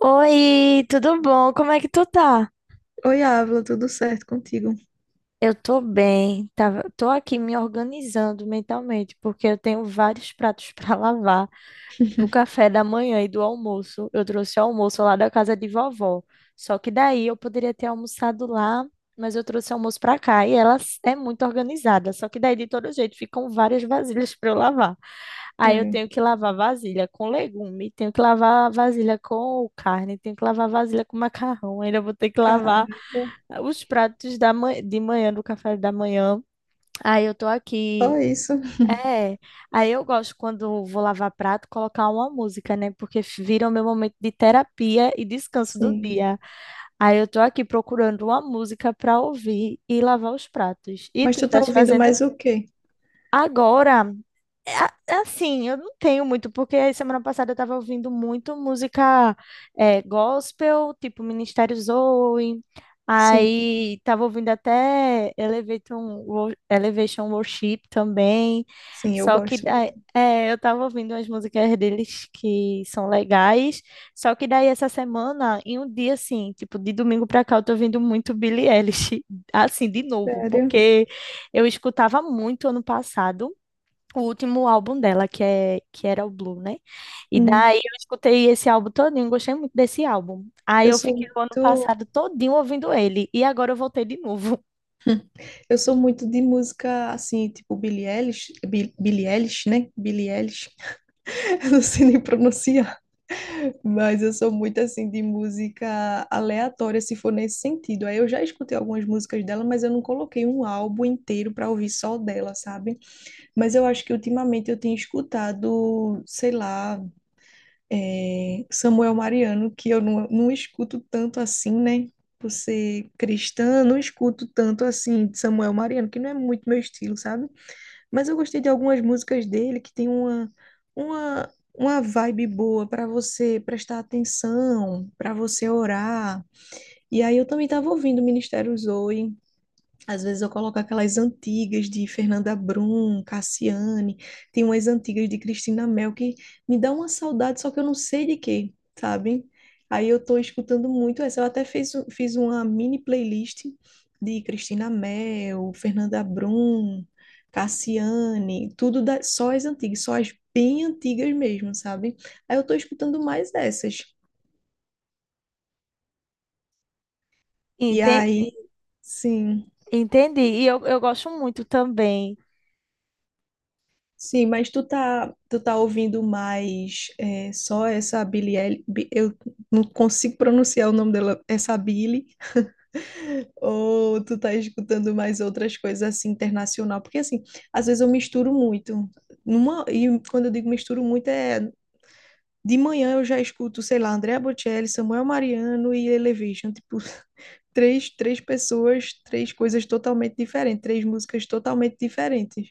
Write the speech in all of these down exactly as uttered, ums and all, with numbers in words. Oi, tudo bom? Como é que tu tá? Oi, Ávila, tudo certo contigo? Eu tô bem, tava, tô aqui me organizando mentalmente, porque eu tenho vários pratos pra lavar do café da manhã e do almoço. Eu trouxe o almoço lá da casa de vovó, só que daí eu poderia ter almoçado lá, mas eu trouxe o almoço pra cá e ela s- é muito organizada, só que daí de todo jeito ficam várias vasilhas pra eu lavar. Aí eu É, tenho que lavar vasilha com legume, tenho que lavar vasilha com carne, tenho que lavar vasilha com macarrão, ainda vou ter que lavar caramba, os pratos da ma- de manhã, do café da manhã. Aí eu tô só aqui. isso. É, aí eu gosto quando vou lavar prato, colocar uma música, né? Porque f- vira o meu momento de terapia e descanso do Sim. dia. Aí eu tô aqui procurando uma música pra ouvir e lavar os pratos. E Mas tu tu tá estás ouvindo fazendo mais o quê? agora? A- Assim, eu não tenho muito, porque semana passada eu tava ouvindo muito música é, gospel, tipo Ministério Zoe, Sim, aí tava ouvindo até Elevation, Wo- Elevation Worship também, sim, eu só que gosto daí- muito. é, eu tava ouvindo umas músicas deles que são legais, só que daí essa semana, em um dia assim, tipo de domingo pra cá, eu tô ouvindo muito Billie Eilish, assim, de novo, Sério? porque eu escutava muito ano passado, o último álbum dela, que é que era o Blue, né? E Hum. daí eu escutei esse álbum todinho, gostei muito desse álbum. Aí Eu eu sou fiquei o ano muito, passado todinho ouvindo ele e agora eu voltei de novo. eu sou muito de música assim, tipo Billie Eilish, Bi- Billie Eilish, né? Billie Eilish. Eu não sei nem pronunciar. Mas eu sou muito assim de música aleatória, se for nesse sentido. Aí eu já escutei algumas músicas dela, mas eu não coloquei um álbum inteiro pra ouvir só dela, sabe? Mas eu acho que ultimamente eu tenho escutado, sei lá, é, Samuel Mariano, que eu não, não escuto tanto assim, né? Por ser cristã, não escuto tanto assim de Samuel Mariano, que não é muito meu estilo, sabe? Mas eu gostei de algumas músicas dele que tem uma, uma, uma vibe boa para você prestar atenção, para você orar. E aí eu também estava ouvindo o Ministério Zoe, às vezes eu coloco aquelas antigas de Fernanda Brum, Cassiane, tem umas antigas de Cristina Mel que me dá uma saudade, só que eu não sei de quê, sabe? Aí eu tô escutando muito essa. Eu até fiz, um, fiz uma mini playlist de Cristina Mel, Fernanda Brum, Cassiane, tudo da, só as antigas, só as bem antigas mesmo, sabe? Aí eu tô escutando mais essas. E Entendi, aí, sim. entendi. E eu, eu gosto muito também. Sim, mas tu tá, tu tá ouvindo mais é, só essa Billie Eilish, Bi- eu não consigo pronunciar o nome dela, essa Billie, ou tu tá escutando mais outras coisas assim, internacional? Porque assim, às vezes eu misturo muito, numa, e quando eu digo misturo muito é, de manhã eu já escuto, sei lá, Andrea Bocelli, Samuel Mariano e Elevation, tipo, três, três pessoas, três coisas totalmente diferentes, três músicas totalmente diferentes.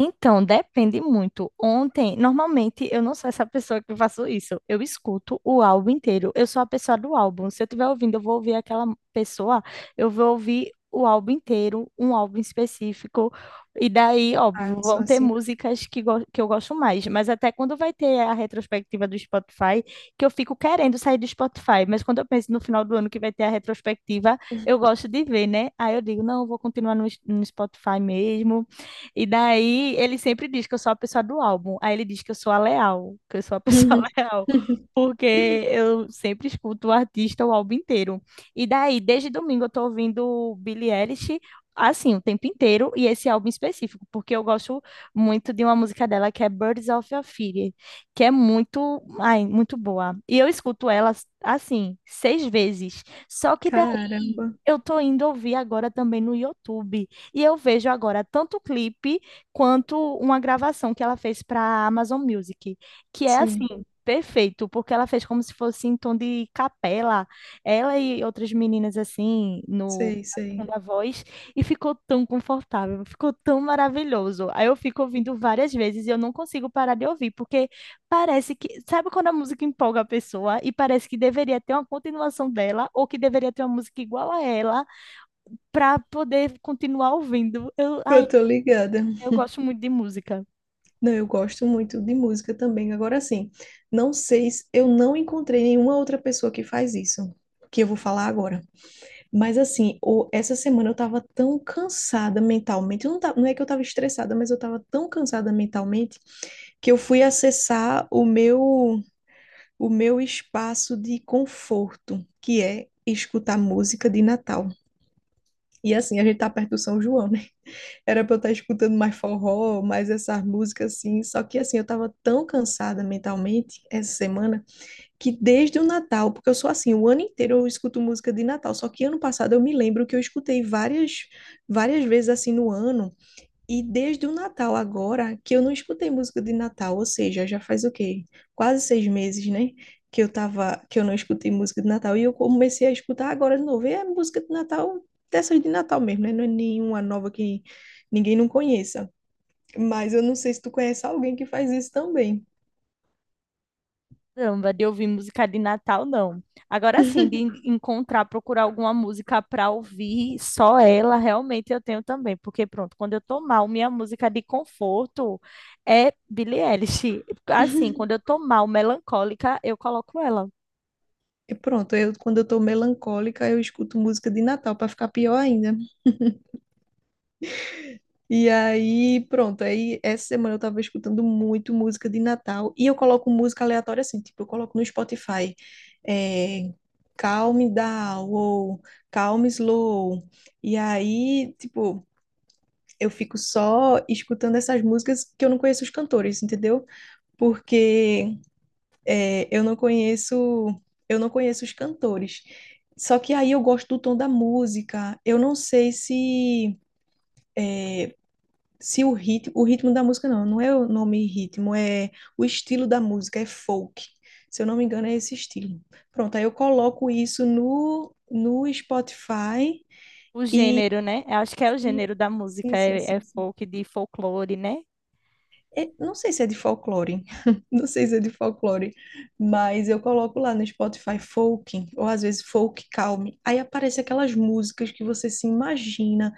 Então, depende muito. Ontem, normalmente, eu não sou essa pessoa que faço isso. Eu escuto o álbum inteiro. Eu sou a pessoa do álbum. Se eu estiver ouvindo, eu vou ouvir aquela pessoa, eu vou ouvir o álbum inteiro, um álbum específico. E daí, óbvio, Ah, não vão sou ter assim. músicas que, go- que eu gosto mais. Mas até quando vai ter a retrospectiva do Spotify, que eu fico querendo sair do Spotify. Mas quando eu penso no final do ano que vai ter a retrospectiva, eu gosto de ver, né? Aí eu digo, não, eu vou continuar no, no Spotify mesmo. E daí ele sempre diz que eu sou a pessoa do álbum. Aí ele diz que eu sou a leal, que eu sou a pessoa leal, porque eu sempre escuto o artista o álbum inteiro. E daí, desde domingo, eu tô ouvindo Billie Eilish. Assim, o tempo inteiro, e esse álbum específico, porque eu gosto muito de uma música dela que é Birds of a Feather, que é muito, ai, muito boa. E eu escuto ela, assim, seis vezes. Só que daí, Caramba, eu tô indo ouvir agora também no YouTube e eu vejo agora tanto o clipe quanto uma gravação que ela fez para a Amazon Music, que é assim, sim, perfeito, porque ela fez como se fosse em tom de capela, ela e outras meninas assim, no sei, na sei. segunda voz, e ficou tão confortável, ficou tão maravilhoso. Aí eu fico ouvindo várias vezes e eu não consigo parar de ouvir, porque parece que, sabe quando a música empolga a pessoa e parece que deveria ter uma continuação dela ou que deveria ter uma música igual a ela para poder continuar ouvindo. Eu, ai, Eu tô ligada. eu gosto muito de música. Não, eu gosto muito de música também. Agora sim, não sei se eu não encontrei nenhuma outra pessoa que faz isso, que eu vou falar agora. Mas assim, o- essa semana eu tava tão cansada mentalmente. Eu não, ta- não é que eu tava estressada, mas eu tava tão cansada mentalmente que eu fui acessar o meu, o meu espaço de conforto, que é escutar música de Natal. E assim, a gente tá perto do São João, né? Era pra eu estar escutando mais forró, mais essas músicas assim. Só que assim, eu tava tão cansada mentalmente essa semana que desde o Natal, porque eu sou assim, o ano inteiro eu escuto música de Natal. Só que ano passado eu me lembro que eu escutei várias, várias vezes assim no ano. E desde o Natal agora, que eu não escutei música de Natal, ou seja, já faz o quê? Quase seis meses, né? Que eu tava, que eu não escutei música de Natal. E eu comecei a escutar agora de novo. E é música de Natal, dessas de Natal mesmo, né? Não é nenhuma nova que ninguém não conheça. Mas eu não sei se tu conhece alguém que faz isso também. Caramba, de ouvir música de Natal, não. Agora sim, de en- encontrar, procurar alguma música para ouvir, só ela, realmente eu tenho também. Porque, pronto, quando eu tô mal, minha música de conforto é Billie Eilish. Assim, quando eu tô mal, melancólica, eu coloco ela. E pronto, eu, quando eu tô melancólica, eu escuto música de Natal para ficar pior ainda. E aí, pronto, aí essa semana eu tava escutando muito música de Natal e eu coloco música aleatória assim, tipo, eu coloco no Spotify, é, Calm Down ou Calm Slow. E aí, tipo, eu fico só escutando essas músicas que eu não conheço os cantores, entendeu? Porque é, eu não conheço, eu não conheço os cantores. Só que aí eu gosto do tom da música. Eu não sei se se o ritmo, o ritmo da música não, não é o nome ritmo, é o estilo da música, é folk. Se eu não me engano, é esse estilo. Pronto, aí eu coloco isso no, no Spotify O e gênero, né? Eu acho que é o sim, gênero da música, sim, sim, é, é sim, sim. folk, de folclore, né? É, não sei se é de folclore, não sei se é de folclore, mas eu coloco lá no Spotify folk, ou às vezes folk calme. Aí aparece aquelas músicas que você se imagina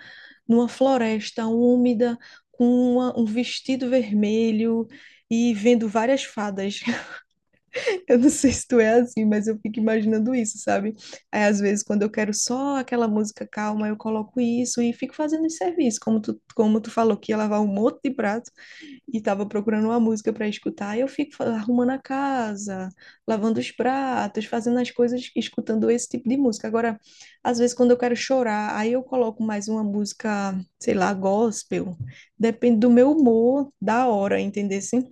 numa floresta úmida, com uma- um vestido vermelho e vendo várias fadas. Eu não sei se tu é assim, mas eu fico imaginando isso, sabe? Aí às vezes quando eu quero só aquela música calma, eu coloco isso e fico fazendo esse serviço, como tu, como tu falou que ia lavar um monte de prato e tava procurando uma música para escutar, e eu fico fa- arrumando a casa, lavando os pratos, fazendo as coisas, escutando esse tipo de música. Agora, às vezes quando eu quero chorar, aí eu coloco mais uma música, sei lá, gospel. Depende do meu humor da hora, entendeu? Sim,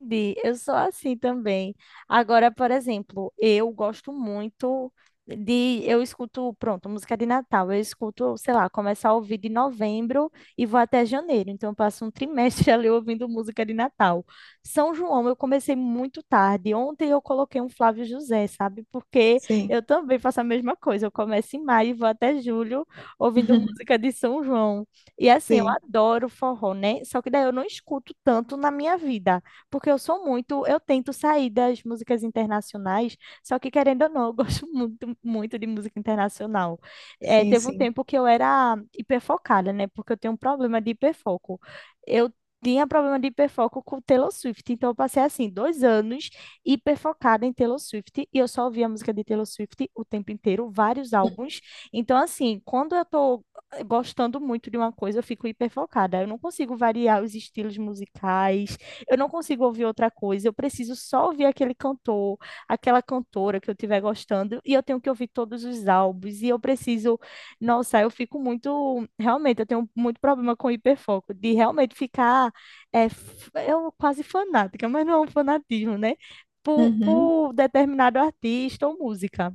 Bi, eu sou assim também. Agora, por exemplo, eu gosto muito de. Eu escuto, pronto, música de Natal. Eu escuto, sei lá, começar a ouvir de novembro e vou até janeiro. Então, eu passo um trimestre ali ouvindo música de Natal. São João, eu comecei muito tarde. Ontem eu coloquei um Flávio José, sabe? Porque sim, eu também faço a mesma coisa. Eu começo em maio e vou até julho ouvindo música de São João. E assim, eu sim, adoro forró, né? Só que daí eu não escuto tanto na minha vida porque eu sou muito, eu tento sair das músicas internacionais, só que querendo ou não, eu gosto muito, muito de música internacional. É, sim. teve um Sim. tempo que eu era hiperfocada, né? Porque eu tenho um problema de hiperfoco. Eu tinha problema de hiperfoco com Taylor Swift, então eu passei assim dois anos hiperfocada em Taylor Swift e eu só ouvia a música de Taylor Swift o tempo inteiro, vários álbuns. Então assim, quando eu tô gostando muito de uma coisa, eu fico hiperfocada. Eu não consigo variar os estilos musicais, eu não consigo ouvir outra coisa, eu preciso só ouvir aquele cantor, aquela cantora que eu estiver gostando, e eu tenho que ouvir todos os álbuns, e eu preciso, nossa, eu fico muito, realmente, eu tenho muito problema com hiperfoco, de realmente ficar, é, f- eu quase fanática, mas não é um fanatismo, né? Por, Uhum. por determinado artista ou música.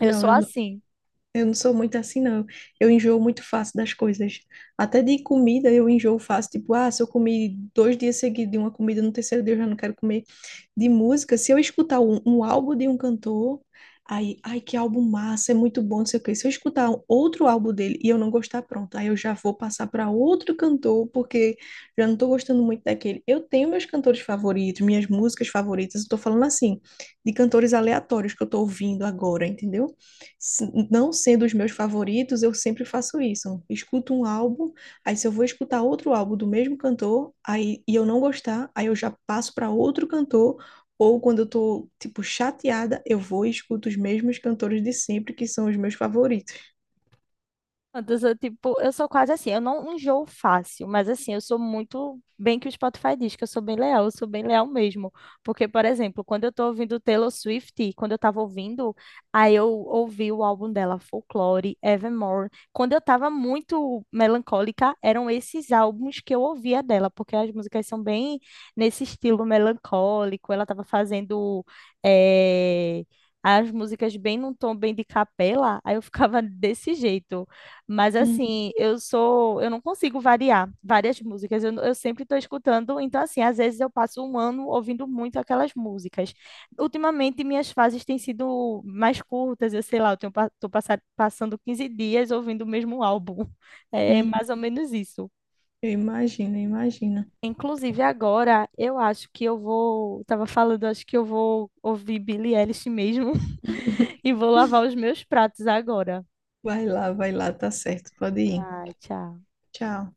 Eu Não, sou eu assim. Eu não sou muito assim, não. Eu enjoo muito fácil das coisas. Até de comida eu enjoo fácil. Tipo, ah, se eu comi dois dias seguidos de uma comida, no terceiro dia eu já não quero comer. De música, se eu escutar um, um álbum de um cantor, aí, ai, que álbum massa, é muito bom, não sei o quê. Se eu escutar um- outro álbum dele e eu não gostar, pronto, aí eu já vou passar para outro cantor, porque já não estou gostando muito daquele. Eu tenho meus cantores favoritos, minhas músicas favoritas. Eu tô falando assim, de cantores aleatórios que eu tô ouvindo agora, entendeu? Se- não sendo os meus favoritos, eu sempre faço isso. Escuto um álbum, aí se eu vou escutar outro álbum do mesmo cantor, aí e eu não gostar, aí eu já passo para outro cantor, ou quando eu tô, tipo, chateada, eu vou e escuto os mesmos cantores de sempre, que são os meus favoritos. Antes eu, tipo, eu sou quase assim, eu não enjoo fácil, mas assim, eu sou muito bem que o Spotify diz que eu sou bem leal, eu sou bem leal mesmo. Porque, por exemplo, quando eu tô ouvindo Taylor Swift, quando eu tava ouvindo, aí eu ouvi o álbum dela, Folklore, Evermore. Quando eu tava muito melancólica, eram esses álbuns que eu ouvia dela, porque as músicas são bem nesse estilo melancólico, ela tava fazendo. eh, As músicas bem num tom bem de capela, aí eu ficava desse jeito. Mas Hum, assim, eu sou, eu não consigo variar várias músicas. Eu, eu sempre estou escutando, então assim, às vezes eu passo um ano ouvindo muito aquelas músicas. Ultimamente minhas fases têm sido mais curtas, eu sei lá, eu tenho, pa- tô passa- passando quinze dias ouvindo o mesmo álbum. É mais uhum. ou menos isso. Eu imagino, eu imagino. Inclusive agora, eu acho que eu vou, tava falando, acho que eu vou ouvir Billie Eilish mesmo e vou lavar os meus pratos agora. Vai lá, vai lá, tá certo, pode ir. Ai, tchau. Tchau.